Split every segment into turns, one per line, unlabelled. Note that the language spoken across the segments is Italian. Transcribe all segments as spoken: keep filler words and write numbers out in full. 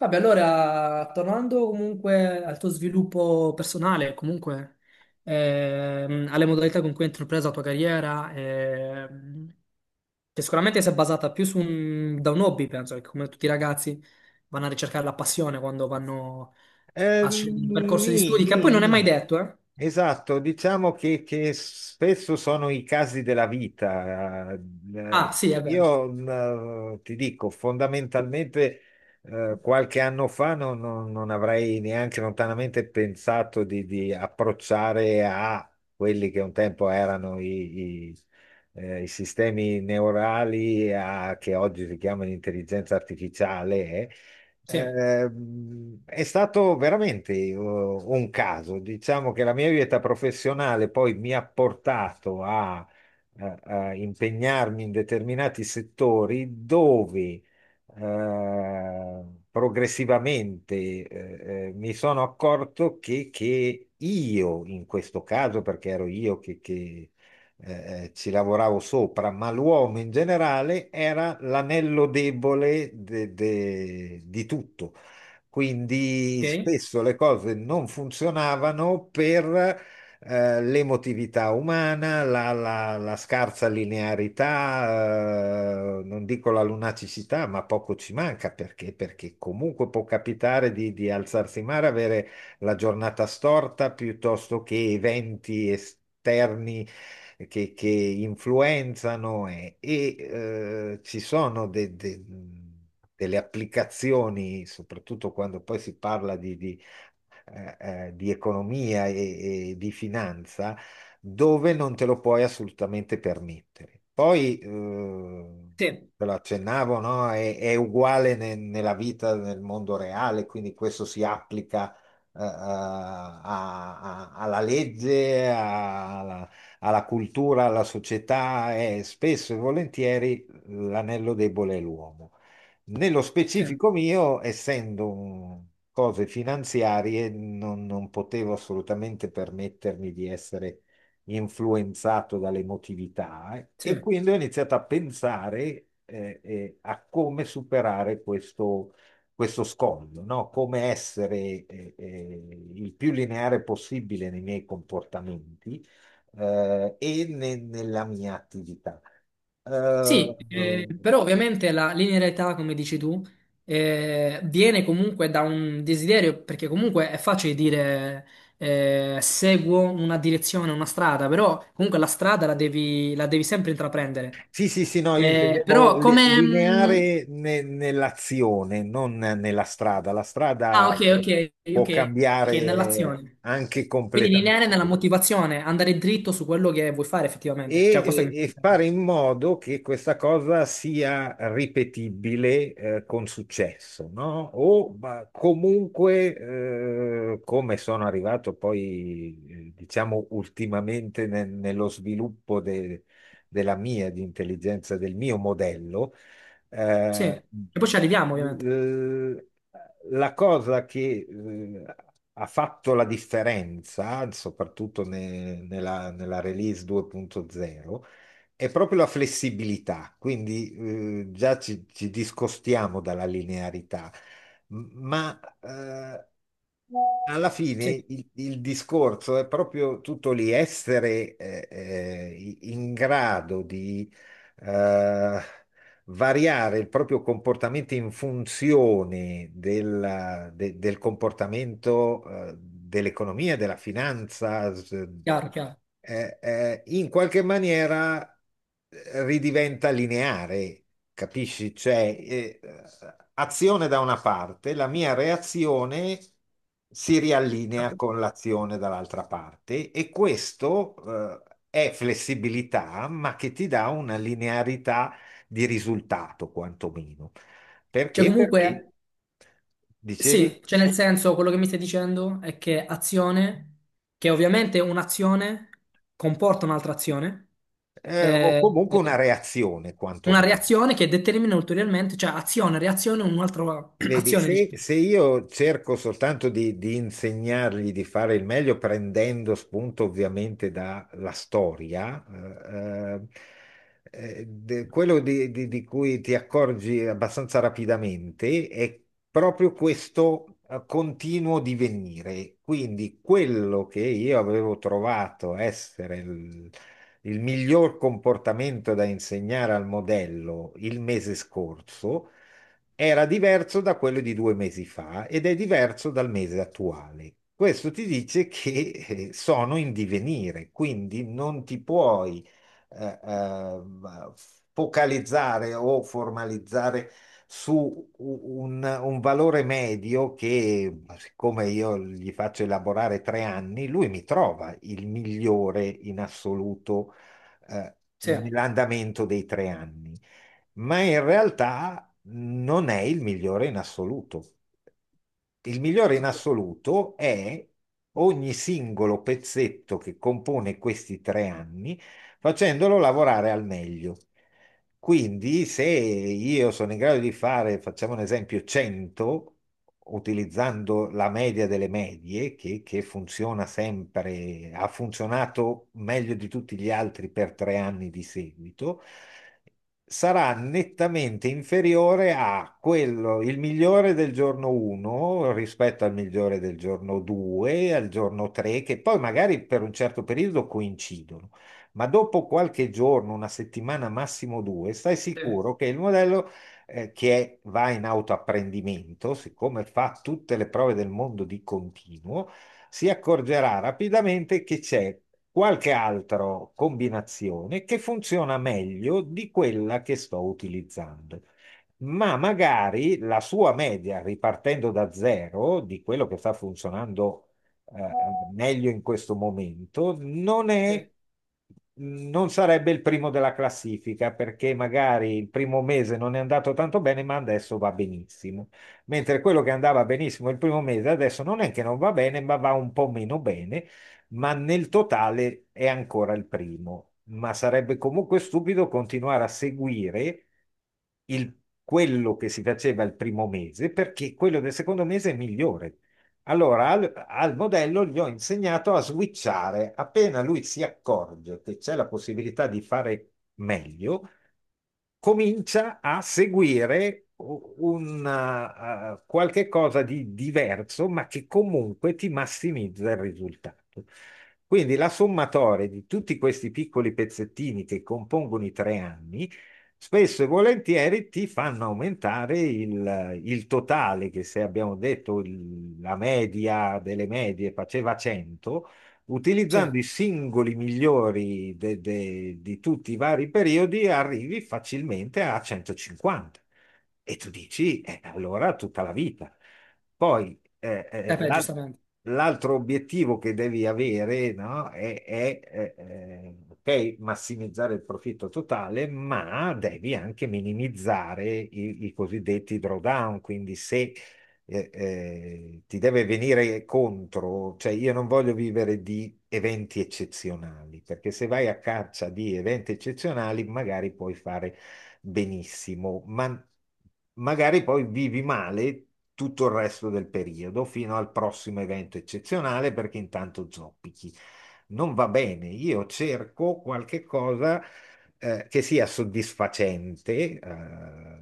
Vabbè, allora, tornando comunque al tuo sviluppo personale, comunque ehm, alle modalità con cui hai intrapreso la tua carriera, ehm, che sicuramente si è basata più su un, da un hobby, penso, che come tutti i ragazzi vanno a ricercare la passione quando vanno
Eh,
a scegliere un percorso di
nì,
studi, che
nì,
poi non è mai
nì.
detto, eh?
Esatto, diciamo che, che spesso sono i casi della vita.
Ah,
Eh,
sì, è vero.
Io mm, eh, ti dico, fondamentalmente eh, qualche anno fa non, non- non avrei neanche lontanamente pensato di, di approcciare a quelli che un tempo erano i, i- eh, i sistemi neurali a- che oggi si chiamano intelligenza artificiale. eh.
Sì,
Ehm, è stato veramente eh, un caso. Diciamo che la mia vita professionale poi mi ha portato a, a- a impegnarmi in determinati settori dove eh, progressivamente eh, eh, mi sono accorto che, che io, in questo caso, perché ero io eh, eh, ci lavoravo sopra, ma l'uomo in generale era l'anello debole de- de- di tutto. Quindi
ok.
spesso le cose non funzionavano per eh, l'emotività umana, la, la- la scarsa linearità, eh, non dico la lunacicità, ma poco ci manca perché, perché comunque può capitare di, di alzarsi in mare, avere la giornata storta piuttosto che eventi esterni che, che influenzano e, e, eh, ci sono de- de- delle applicazioni, soprattutto quando poi si parla di, di eh, eh, di economia e, e di finanza dove non te lo puoi assolutamente permettere. Poi, eh,
Sì,
te lo accennavo, no? È, è uguale ne- nella vita, nel mondo reale, quindi questo si applica. eh, eh, a- a- alla legge, a- alla, alla cultura, alla società e spesso e volentieri l'anello debole è l'uomo. Nello
sì,
specifico mio, essendo un- cose finanziarie, non, non potevo assolutamente permettermi di essere influenzato dall'emotività eh, e
sì.
quindi ho iniziato a pensare eh, eh, a come superare questo, questo scoglio, no? Come essere eh, eh, il più lineare possibile nei miei comportamenti eh, e ne- nella mia attività. Eh,
Sì, eh, però ovviamente la linearità, come dici tu, eh, viene comunque da un desiderio, perché comunque è facile dire eh, seguo una direzione, una strada, però comunque la strada la devi, la devi sempre intraprendere.
Sì, sì, sì, no, io
Eh,
intendevo
però
li-
come... mm,
lineare ne- nell'azione, non nella strada. La
ah,
strada
ok, ok, ok,
può
ok, ok,
cambiare
nell'azione.
anche
Quindi
completamente
lineare nella motivazione, andare dritto su quello che vuoi fare effettivamente. Cioè, questo che
e,
mi stai
e
dicendo.
fare in modo che questa cosa sia ripetibile, eh, con successo, no? O ma comunque, eh, come sono arrivato poi, eh, diciamo, ultimamente ne- nello sviluppo de- della mia, di intelligenza, del mio modello,
Sì,
eh,
e poi ci arriviamo ovviamente.
la cosa che eh, ha fatto la differenza, soprattutto ne- nella, nella release due punto zero, è proprio la flessibilità. Quindi eh, già ci, ci discostiamo dalla linearità, M- ma eh, alla
Sì,
fine il, il discorso è proprio tutto lì, essere eh, eh, in grado di eh, variare il proprio comportamento in funzione della- de- del comportamento, eh, dell'economia, della finanza, s-
chiaro, chiaro.
eh, eh, in qualche maniera eh, ridiventa lineare, capisci? Cioè, eh, azione da una parte, la mia reazione si riallinea
Esatto.
con l'azione dall'altra parte e questo, eh, è flessibilità, ma che ti dà una linearità di risultato quantomeno.
Cioè,
Perché? Perché
comunque...
dicevi,
Sì, cioè nel senso quello che mi stai dicendo è che azione, che ovviamente un'azione comporta un'altra azione,
eh, o
eh,
comunque una
eh,
reazione
una
quantomeno.
reazione che determina ulteriormente, cioè azione, reazione, un'altra
Vedi,
azione,
se,
diciamo.
se io cerco soltanto di, di insegnargli di fare il meglio, prendendo spunto ovviamente dalla storia, eh, eh, de- quello di, di- di cui ti accorgi abbastanza rapidamente è proprio questo eh, continuo divenire. Quindi quello che io avevo trovato essere il il miglior comportamento da insegnare al modello il mese scorso era diverso da quello di due mesi fa ed è diverso dal mese attuale. Questo ti dice che eh, sono in divenire, quindi non ti puoi eh, eh, focalizzare o formalizzare su un, un valore medio che, siccome io gli faccio elaborare tre anni, lui mi trova il migliore in assoluto eh,
Sì, ok,
nell'andamento dei tre anni ma in realtà non è il migliore in assoluto. Il migliore in assoluto è ogni singolo pezzetto che compone questi tre anni, facendolo lavorare al meglio. Quindi, se io sono in grado di fare, facciamo un esempio, cento, utilizzando la media delle medie, che, che funziona sempre, ha funzionato meglio di tutti gli altri per tre anni di seguito, sarà nettamente inferiore a quello, il migliore del giorno uno rispetto al migliore del giorno due, al giorno tre, che poi magari per un certo periodo coincidono, ma dopo qualche giorno, una settimana, massimo due, stai
sì,
sicuro che il modello eh, che è- va in autoapprendimento, siccome fa tutte le prove del mondo di continuo, si accorgerà rapidamente che c'è qualche altra combinazione che funziona meglio di quella che sto utilizzando. Ma magari la sua media, ripartendo da zero, di quello che sta funzionando eh, meglio in questo momento, non
sì,
è, non sarebbe il primo della classifica perché magari il primo mese non è andato tanto bene, ma adesso va benissimo. Mentre quello che andava benissimo il primo mese, adesso non è che non va bene, ma va un po' meno bene, ma nel totale è ancora il primo. Ma sarebbe comunque stupido continuare a seguire il- quello che si faceva il primo mese, perché quello del secondo mese è migliore. Allora, al, al modello gli ho insegnato a switchare. Appena lui si accorge che c'è la possibilità di fare meglio, comincia a seguire u- un eh, eh, qualche cosa di diverso, ma che comunque ti massimizza il risultato. Quindi la sommatoria di tutti questi piccoli pezzettini che compongono i tre anni, spesso e volentieri ti fanno aumentare il, il totale, che se abbiamo detto il- la media delle medie faceva cento,
sì,
utilizzando
eh
i singoli migliori de- de- di tutti i vari periodi, arrivi facilmente a centocinquanta. E tu dici, eh, allora tutta la vita. Poi eh, eh,
beh,
l'al-
giustamente,
l'altro obiettivo che devi avere, no, è, è, eh, eh, ok, massimizzare il profitto totale, ma devi anche minimizzare i, i cosiddetti drawdown. Quindi se eh, eh, ti deve venire contro, cioè io non voglio vivere di eventi eccezionali, perché se vai a caccia di eventi eccezionali magari puoi fare benissimo, ma magari poi vivi male tutto il resto del periodo fino al prossimo evento eccezionale perché intanto zoppichi. Non va bene, io cerco qualche cosa eh, che sia soddisfacente, eh,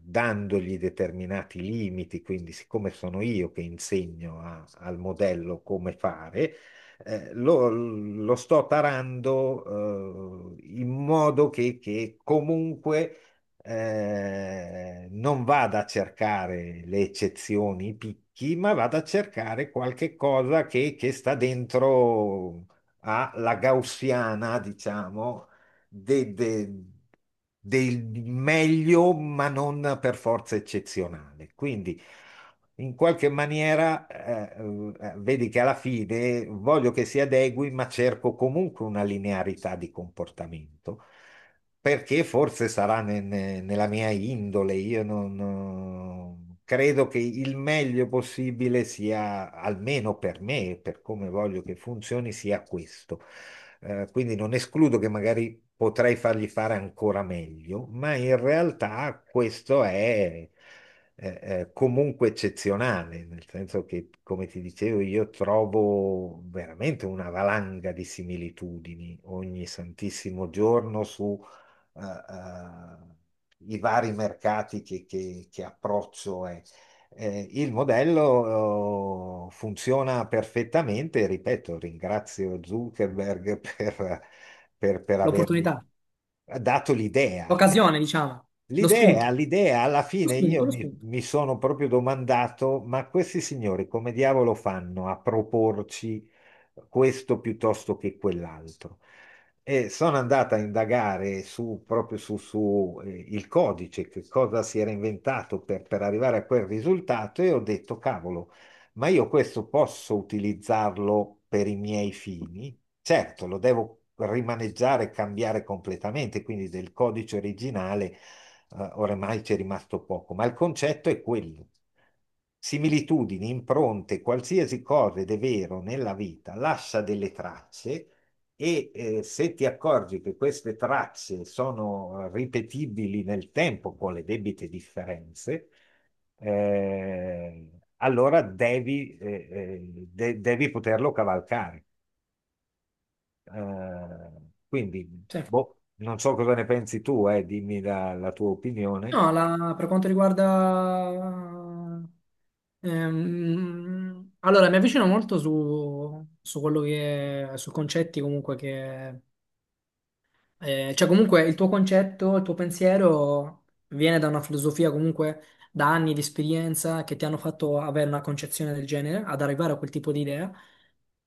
dandogli determinati limiti, quindi siccome sono io che insegno a- al modello come fare, eh, lo, lo sto tarando, eh, in modo che, che comunque eh, non vada a cercare le eccezioni, i picchi, ma vada a cercare qualche cosa che, che sta dentro alla gaussiana, diciamo, de- de- del meglio, ma non per forza eccezionale. Quindi, in qualche maniera, eh, eh, vedi che alla fine voglio che si adegui, ma cerco comunque una linearità di comportamento perché forse sarà ne- ne- nella mia indole, io non, non- credo che il meglio possibile sia, almeno per me, per come voglio che funzioni, sia questo. Eh, quindi non escludo che magari potrei fargli fare ancora meglio, ma in realtà questo è eh, eh, comunque eccezionale, nel senso che, come ti dicevo, io trovo veramente una valanga di similitudini ogni santissimo giorno su eh, eh, i vari mercati che, che- che approccio è. Eh, il modello eh, funziona perfettamente, ripeto, ringrazio Zuckerberg per, per- per avermi
l'opportunità,
dato l'idea.
l'occasione, diciamo, lo spunto,
L'idea, l'idea, alla
lo
fine io
spunto, lo
mi,
spunto,
mi sono proprio domandato, ma questi signori come diavolo fanno a proporci questo piuttosto che quell'altro? E sono andata a indagare su, proprio su, su, eh, il codice, che cosa si era inventato per, per arrivare a quel risultato e ho detto, cavolo, ma io questo posso utilizzarlo per i miei fini? Certo, lo devo rimaneggiare e cambiare completamente, quindi del codice originale, eh, oramai c'è rimasto poco, ma il concetto è quello. Similitudini, impronte, qualsiasi cosa ed è vero nella vita, lascia delle tracce e eh, se ti accorgi che queste tracce sono ripetibili nel tempo con le debite differenze, eh, allora devi, eh, eh, de- devi poterlo cavalcare. Eh, quindi,
sì.
boh, non so cosa ne pensi tu, eh, dimmi la, la tua opinione.
No, la- per quanto riguarda... ehm, allora, mi avvicino molto su, su quello che... su concetti comunque che... eh, cioè comunque il tuo concetto, il tuo pensiero viene da una filosofia comunque da anni di esperienza che ti hanno fatto avere una concezione del genere, ad arrivare a quel tipo di idea.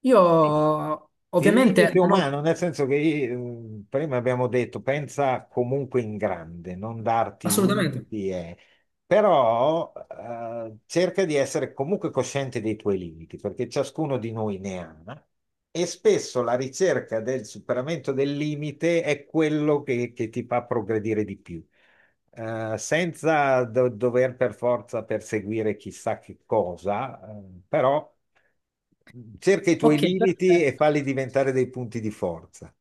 Io
Sì, Il
ovviamente
limite
non ho...
umano, nel senso che eh, prima abbiamo detto, pensa comunque in grande, non darti
Assolutamente.
limiti, eh. Però eh, cerca di essere comunque cosciente dei tuoi limiti, perché ciascuno di noi ne ha, e spesso la ricerca del superamento del limite è quello che, che ti fa progredire di più eh, senza do- dover per forza perseguire chissà che cosa, eh, però cerca i tuoi
Ok,
limiti e
perfetto.
falli diventare dei punti di forza,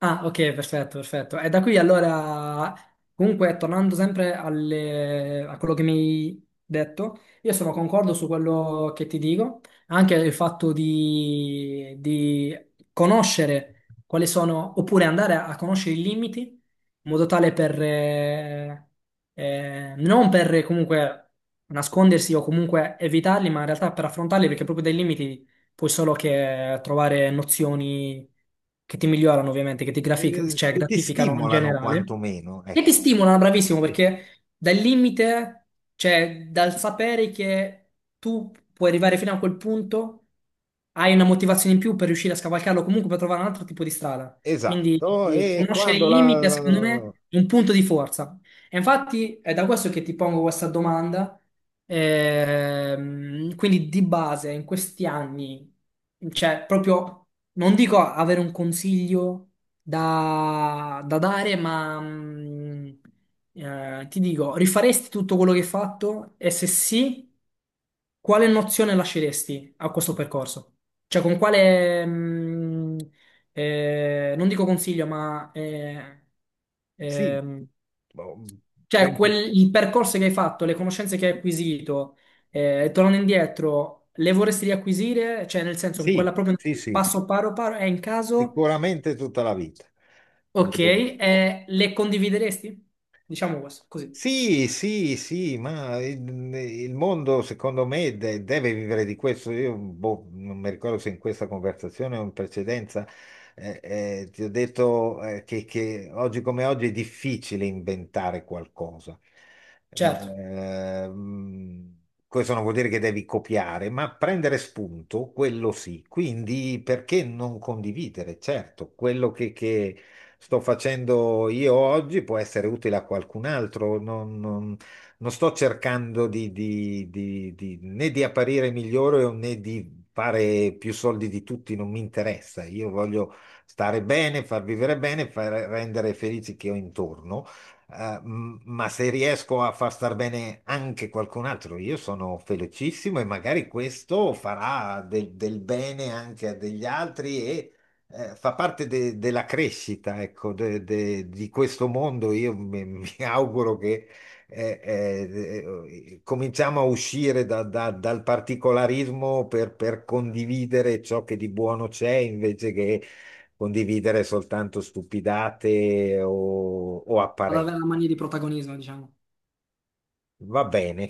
Ah, ok, perfetto, perfetto. E da qui allora, comunque, tornando sempre alle- a quello che mi hai detto, io sono concordo su quello che ti dico, anche il fatto di, di conoscere quali sono, oppure andare a conoscere i limiti, in modo tale per, eh, eh, non per comunque nascondersi o comunque evitarli, ma in realtà per affrontarli, perché proprio dai limiti puoi solo che trovare nozioni che ti migliorano ovviamente, che ti grafic-
eh,
cioè,
che ti
gratificano in
stimolano
generale
quantomeno.
e
Ecco.
ti stimolano, bravissimo,
Sì,
perché dal limite, cioè dal sapere che tu puoi arrivare fino a quel punto, hai una motivazione in più per riuscire a scavalcarlo comunque per trovare un altro tipo di strada. Quindi
esatto,
eh,
e
conoscere il
quando
limite, secondo
la...
me, è un punto di forza. E infatti è da questo che ti pongo questa domanda. Ehm, quindi di base in questi anni, cioè proprio, non dico avere un consiglio da, da dare, ma mm, eh, ti dico, rifaresti tutto quello che hai fatto? E se sì, quale nozione lasceresti a questo percorso? Cioè con quale, mm, eh, non dico consiglio, ma eh,
Sì,
ehm,
boh,
cioè,
penso-
quel- il percorso che hai fatto, le conoscenze che hai acquisito, eh, tornando indietro, le vorresti riacquisire? Cioè, nel senso, in
sì,
quella proprio
sì, sì,
passo paro paro, è in caso,
sicuramente tutta la vita.
ok, eh, le condivideresti? Diciamo questo, così.
Sì, sì, sì, ma il, il mondo secondo me de- deve vivere di questo. Io boh, non mi ricordo se in questa conversazione o in precedenza eh, eh, ti ho detto eh, che, che oggi come oggi è difficile inventare qualcosa.
Certo,
Ehm, questo non vuol dire che devi copiare, ma prendere spunto, quello sì. Quindi perché non condividere? Certo, quello sto facendo io oggi può essere utile a qualcun altro. Non, non- non sto cercando di, di- di- di- né di apparire migliore né di fare più soldi di tutti, non mi interessa. Io voglio stare bene, far vivere bene, far rendere felici chi ho intorno. Eh, m- ma se riesco a far star bene anche qualcun altro, io sono felicissimo e magari questo farà del, del bene anche a degli altri, eh, fa parte de- della crescita, ecco, de- de- di questo mondo. Io mi, mi auguro che eh, eh, eh, cominciamo a uscire da- da- dal particolarismo per, per condividere ciò che di buono c'è, invece che condividere soltanto stupidate o, o
ad
apparenze.
avere la mania di protagonismo, diciamo.
Va bene.